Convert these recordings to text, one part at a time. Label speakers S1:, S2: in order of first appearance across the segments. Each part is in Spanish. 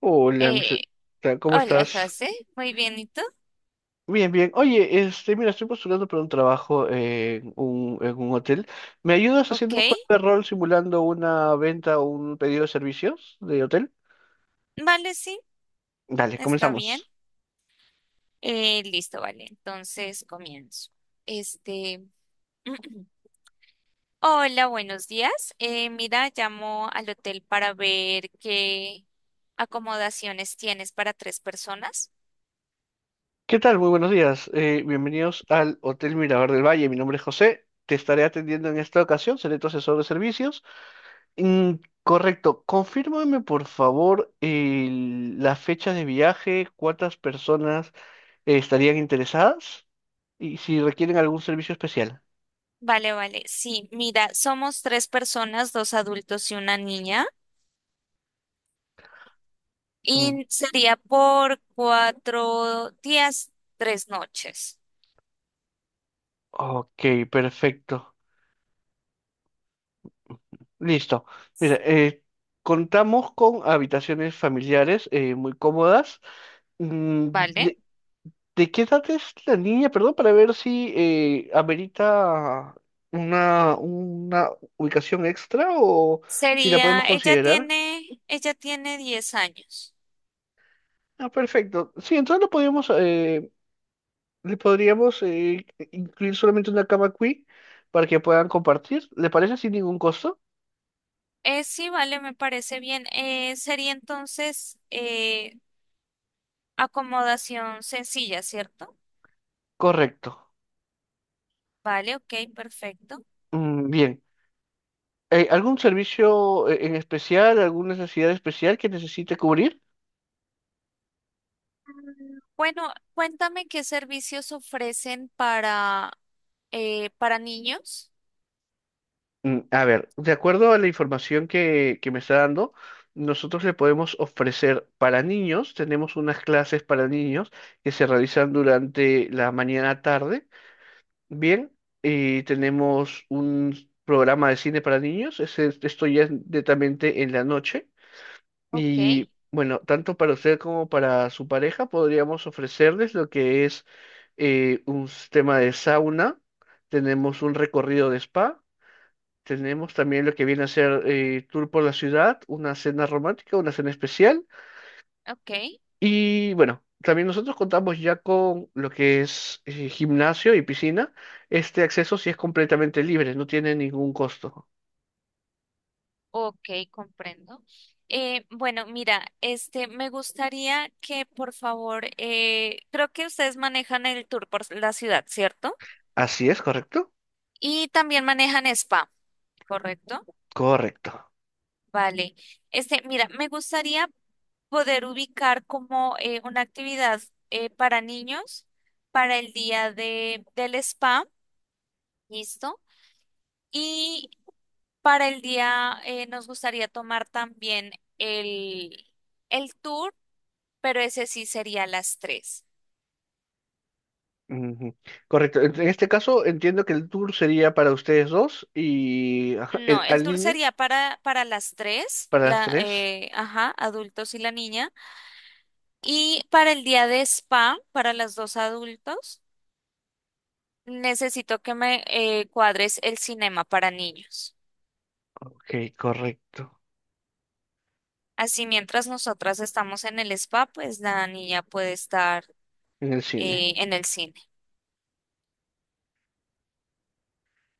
S1: Hola,
S2: Eh,
S1: ¿cómo
S2: Hola,
S1: estás?
S2: José. Muy bien, ¿y tú?
S1: Bien, bien. Oye, este, mira, estoy postulando para un trabajo en un hotel. ¿Me ayudas
S2: Ok.
S1: haciendo un juego de rol simulando una venta o un pedido de servicios de hotel?
S2: Vale, sí,
S1: Dale,
S2: está bien.
S1: comenzamos.
S2: Listo, vale. Entonces comienzo. Este. Hola, buenos días. Mira, llamo al hotel para ver qué acomodaciones tienes para tres personas.
S1: ¿Qué tal? Muy buenos días. Bienvenidos al Hotel Mirador del Valle. Mi nombre es José. Te estaré atendiendo en esta ocasión. Seré tu asesor de servicios. Mm, correcto. Confírmame, por favor, la fecha de viaje, cuántas personas estarían interesadas y si requieren algún servicio especial.
S2: Vale, vale. Sí, mira, somos tres personas, dos adultos y una niña.
S1: Mm.
S2: Y sería por 4 días, 3 noches.
S1: Ok, perfecto. Listo. Mira, contamos con habitaciones familiares muy cómodas. Mm,
S2: ¿Vale?
S1: ¿De, de qué edad es la niña? Perdón, para ver si amerita una ubicación extra o si la podemos
S2: Sería, ella
S1: considerar.
S2: tiene, ella tiene 10 años.
S1: Ah, perfecto. Sí, entonces lo podemos Le podríamos incluir solamente una cama queen para que puedan compartir. ¿Le parece sin ningún costo?
S2: Sí, vale, me parece bien. Sería entonces acomodación sencilla, ¿cierto?
S1: Correcto.
S2: Vale, ok, perfecto.
S1: Bien. ¿Algún servicio en especial, alguna necesidad especial que necesite cubrir?
S2: Bueno, cuéntame qué servicios ofrecen para niños.
S1: A ver, de acuerdo a la información que me está dando, nosotros le podemos ofrecer para niños, tenemos unas clases para niños que se realizan durante la mañana-tarde. Bien, y tenemos un programa de cine para niños. Esto ya es netamente en la noche.
S2: Ok,
S1: Y bueno, tanto para usted como para su pareja podríamos ofrecerles lo que es un sistema de sauna. Tenemos un recorrido de spa. Tenemos también lo que viene a ser tour por la ciudad, una cena romántica, una cena especial.
S2: ok,
S1: Y bueno, también nosotros contamos ya con lo que es gimnasio y piscina. Este acceso sí es completamente libre, no tiene ningún costo.
S2: ok, comprendo. Bueno, mira, este, me gustaría que por favor, creo que ustedes manejan el tour por la ciudad, ¿cierto?
S1: Así es, ¿correcto?
S2: Y también manejan spa, ¿correcto?
S1: Correcto.
S2: Vale. Este, mira, me gustaría poder ubicar como una actividad para niños para el día del spa, ¿listo? Y para el día nos gustaría tomar también el, el tour, pero ese sí sería a las 3.
S1: Ujú. Correcto. En este caso entiendo que el tour sería para ustedes dos y, ajá,
S2: No, el
S1: al
S2: tour
S1: niño
S2: sería para las tres,
S1: para las tres.
S2: ajá, adultos y la niña. Y para el día de spa, para los dos adultos, necesito que me cuadres el cinema para niños.
S1: Ok, correcto.
S2: Así mientras nosotras estamos en el spa, pues la niña puede estar
S1: En el cine.
S2: en el cine.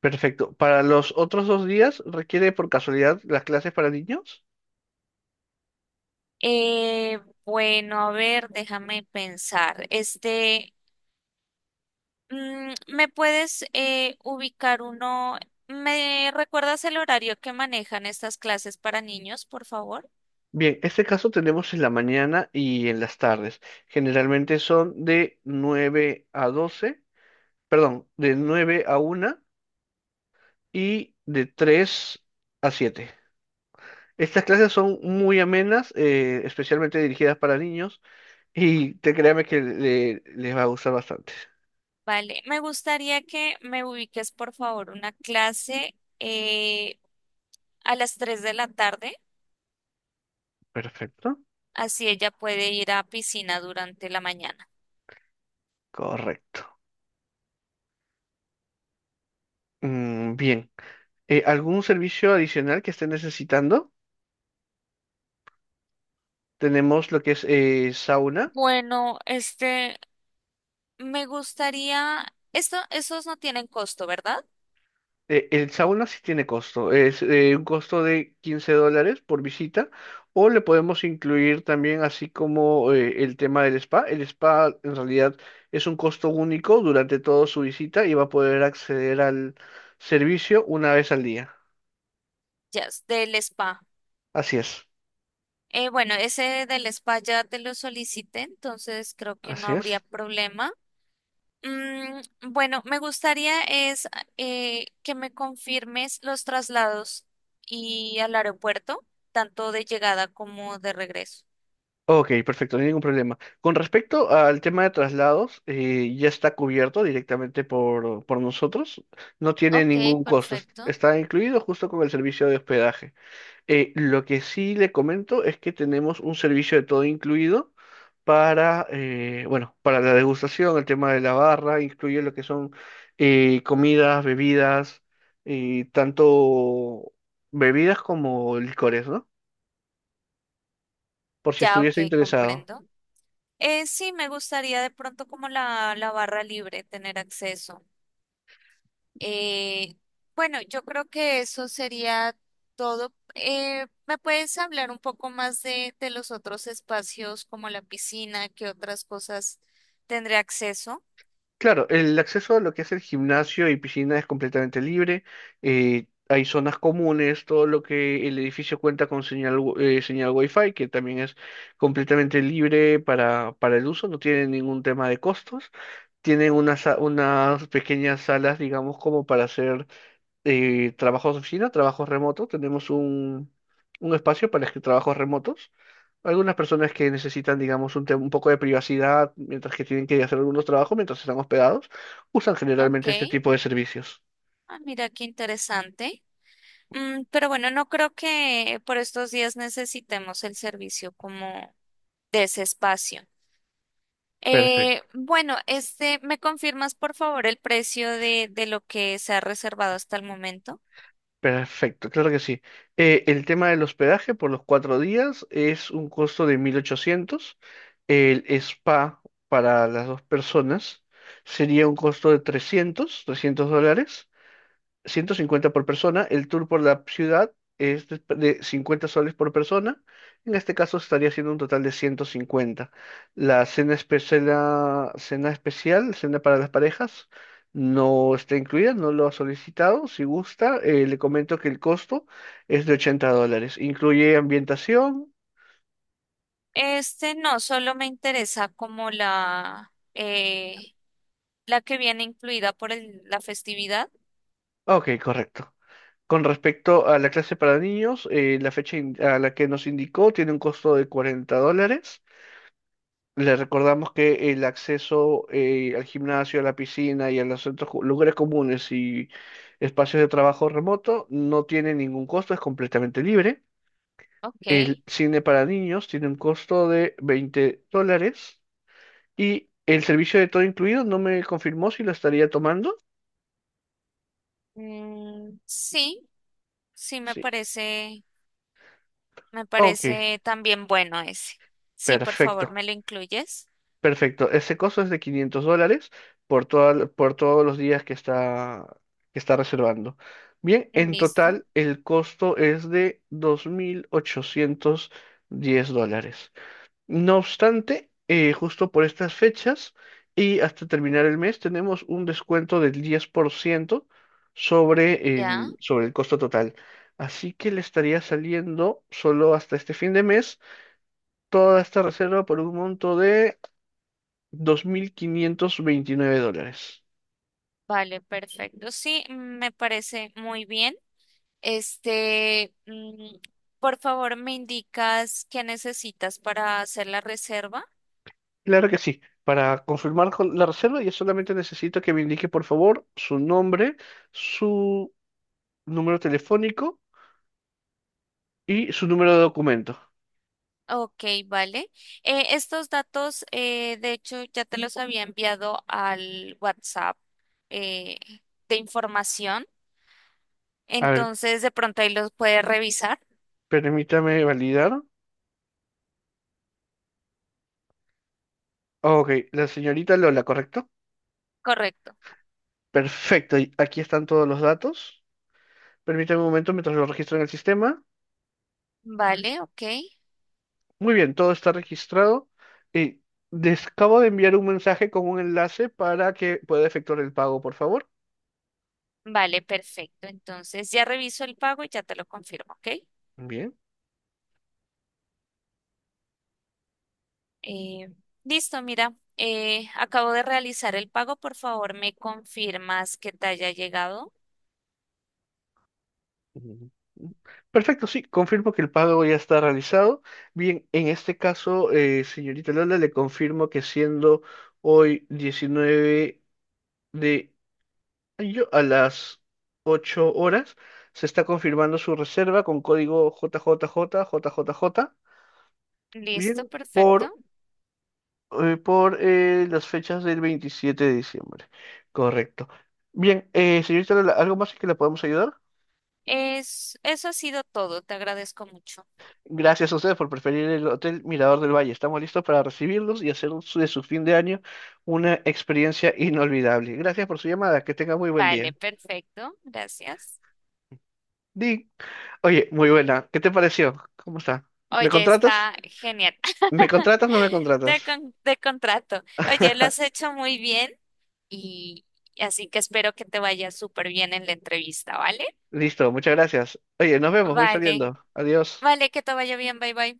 S1: Perfecto. Para los otros 2 días, ¿requiere por casualidad las clases para niños?
S2: Eh, bueno, a ver, déjame pensar. Este, ¿me puedes ubicar uno? ¿Me recuerdas el horario que manejan estas clases para niños, por favor?
S1: Bien, este caso tenemos en la mañana y en las tardes. Generalmente son de 9 a 12, perdón, de 9 a 1 y de 3 a 7. Estas clases son muy amenas, especialmente dirigidas para niños y te créame que les va a gustar bastante.
S2: Vale, me gustaría que me ubiques, por favor, una clase a las 3 de la tarde,
S1: Perfecto,
S2: así ella puede ir a piscina durante la mañana.
S1: correcto. Bien. ¿Algún servicio adicional que esté necesitando? Tenemos lo que es sauna.
S2: Bueno, este, me gustaría, esto, esos no tienen costo, ¿verdad?
S1: El sauna sí tiene costo, es un costo de $15 por visita, o le podemos incluir también, así como el tema del spa. El spa en realidad es un costo único durante toda su visita y va a poder acceder al servicio una vez al día.
S2: Ya, es del spa.
S1: Así es,
S2: Bueno, ese del spa ya te lo solicité, entonces creo que no
S1: así
S2: habría
S1: es.
S2: problema. Mm, bueno, me gustaría es que me confirmes los traslados y al aeropuerto, tanto de llegada como de regreso.
S1: Ok, perfecto, no hay ningún problema. Con respecto al tema de traslados, ya está cubierto directamente por nosotros, no tiene
S2: Ok,
S1: ningún costo,
S2: perfecto.
S1: está incluido justo con el servicio de hospedaje. Lo que sí le comento es que tenemos un servicio de todo incluido, bueno, para la degustación, el tema de la barra, incluye lo que son comidas, bebidas, tanto bebidas como licores, ¿no? Por si
S2: Ya, ok,
S1: estuviese interesado.
S2: comprendo. Sí, me gustaría de pronto como la barra libre tener acceso. Eh, bueno, yo creo que eso sería todo. ¿Me puedes hablar un poco más de los otros espacios como la piscina, qué otras cosas tendré acceso?
S1: Claro, el acceso a lo que es el gimnasio y piscina es completamente libre. Hay zonas comunes, todo lo que el edificio cuenta con señal, señal Wi-Fi, que también es completamente libre para el uso, no tiene ningún tema de costos. Tienen unas pequeñas salas, digamos, como para hacer trabajos de oficina, trabajos remotos. Tenemos un espacio para trabajos remotos. Algunas personas que necesitan, digamos, un poco de privacidad mientras que tienen que hacer algunos trabajos, mientras están hospedados, usan
S2: Ok,
S1: generalmente este tipo de servicios.
S2: ah, mira qué interesante. Pero bueno, no creo que por estos días necesitemos el servicio como de ese espacio.
S1: Perfecto.
S2: Bueno, este, ¿me confirmas por favor el precio de lo que se ha reservado hasta el momento?
S1: Perfecto, claro que sí. El tema del hospedaje por los 4 días es un costo de 1.800. El spa para las 2 personas sería un costo de $300. 150 por persona. El tour por la ciudad es de 50 soles por persona, en este caso estaría siendo un total de 150. La cena especial, cena para las parejas, no está incluida, no lo ha solicitado. Si gusta, le comento que el costo es de $80, incluye ambientación.
S2: Este no, solo me interesa como la que viene incluida por la festividad.
S1: Ok, correcto. Con respecto a la clase para niños, la fecha a la que nos indicó tiene un costo de $40. Le recordamos que el acceso al gimnasio, a la piscina y a los centros, lugares comunes y espacios de trabajo remoto no tiene ningún costo, es completamente libre.
S2: Ok.
S1: El cine para niños tiene un costo de $20, y el servicio de todo incluido no me confirmó si lo estaría tomando.
S2: Mm, sí, sí me
S1: Sí.
S2: parece. Me
S1: Ok,
S2: parece también bueno ese. Sí, por favor,
S1: perfecto.
S2: me lo incluyes.
S1: Perfecto. Ese costo es de $500 por, por todos los días que está, reservando. Bien, en
S2: Listo.
S1: total el costo es de $2.810. No obstante, justo por estas fechas y hasta terminar el mes tenemos un descuento del 10% sobre
S2: Ya.
S1: sobre el costo total. Así que le estaría saliendo, solo hasta este fin de mes, toda esta reserva por un monto de $2.529.
S2: Vale, perfecto. Sí, me parece muy bien. Este, por favor, me indicas qué necesitas para hacer la reserva.
S1: Claro que sí. Para confirmar con la reserva, yo solamente necesito que me indique, por favor, su nombre, su número telefónico y su número de documento.
S2: Ok, vale. Estos datos, de hecho, ya te los había enviado al WhatsApp eh, de información.
S1: A ver,
S2: Entonces, de pronto ahí los puedes revisar.
S1: permítame validar. Ok, la señorita Lola, ¿correcto?
S2: Correcto.
S1: Perfecto, y aquí están todos los datos. Permítame un momento mientras lo registro en el sistema.
S2: Vale, ok.
S1: Muy bien, todo está registrado. Y les acabo de enviar un mensaje con un enlace para que pueda efectuar el pago, por favor.
S2: Vale, perfecto. Entonces ya reviso el pago y ya te lo confirmo, ¿ok?
S1: Bien.
S2: Eh, Listo, mira, acabo de realizar el pago. Por favor, me confirmas que te haya llegado.
S1: Ujú. Perfecto, sí, confirmo que el pago ya está realizado. Bien, en este caso, señorita Lola, le confirmo que siendo hoy 19 de mayo a las 8:00, se está confirmando su reserva con código JJJ, JJJ,
S2: Listo,
S1: bien,
S2: perfecto.
S1: por las fechas del 27 de diciembre. Correcto. Bien, señorita Lola, ¿algo más en que la podemos ayudar?
S2: Eso ha sido todo. Te agradezco mucho.
S1: Gracias a ustedes por preferir el Hotel Mirador del Valle. Estamos listos para recibirlos y hacer de su fin de año una experiencia inolvidable. Gracias por su llamada. Que tenga muy buen
S2: Vale,
S1: día.
S2: perfecto. Gracias.
S1: Di, Oye, muy buena. ¿Qué te pareció? ¿Cómo está? ¿Me
S2: Oye,
S1: contratas?
S2: está genial.
S1: ¿Me contratas o no me contratas?
S2: Te contrato. Oye, lo has hecho muy bien y así que espero que te vaya súper bien en la entrevista, ¿vale?
S1: Listo, muchas gracias. Oye, nos vemos. Voy
S2: Vale,
S1: saliendo. Adiós.
S2: vale, que te vaya bien. Bye, bye.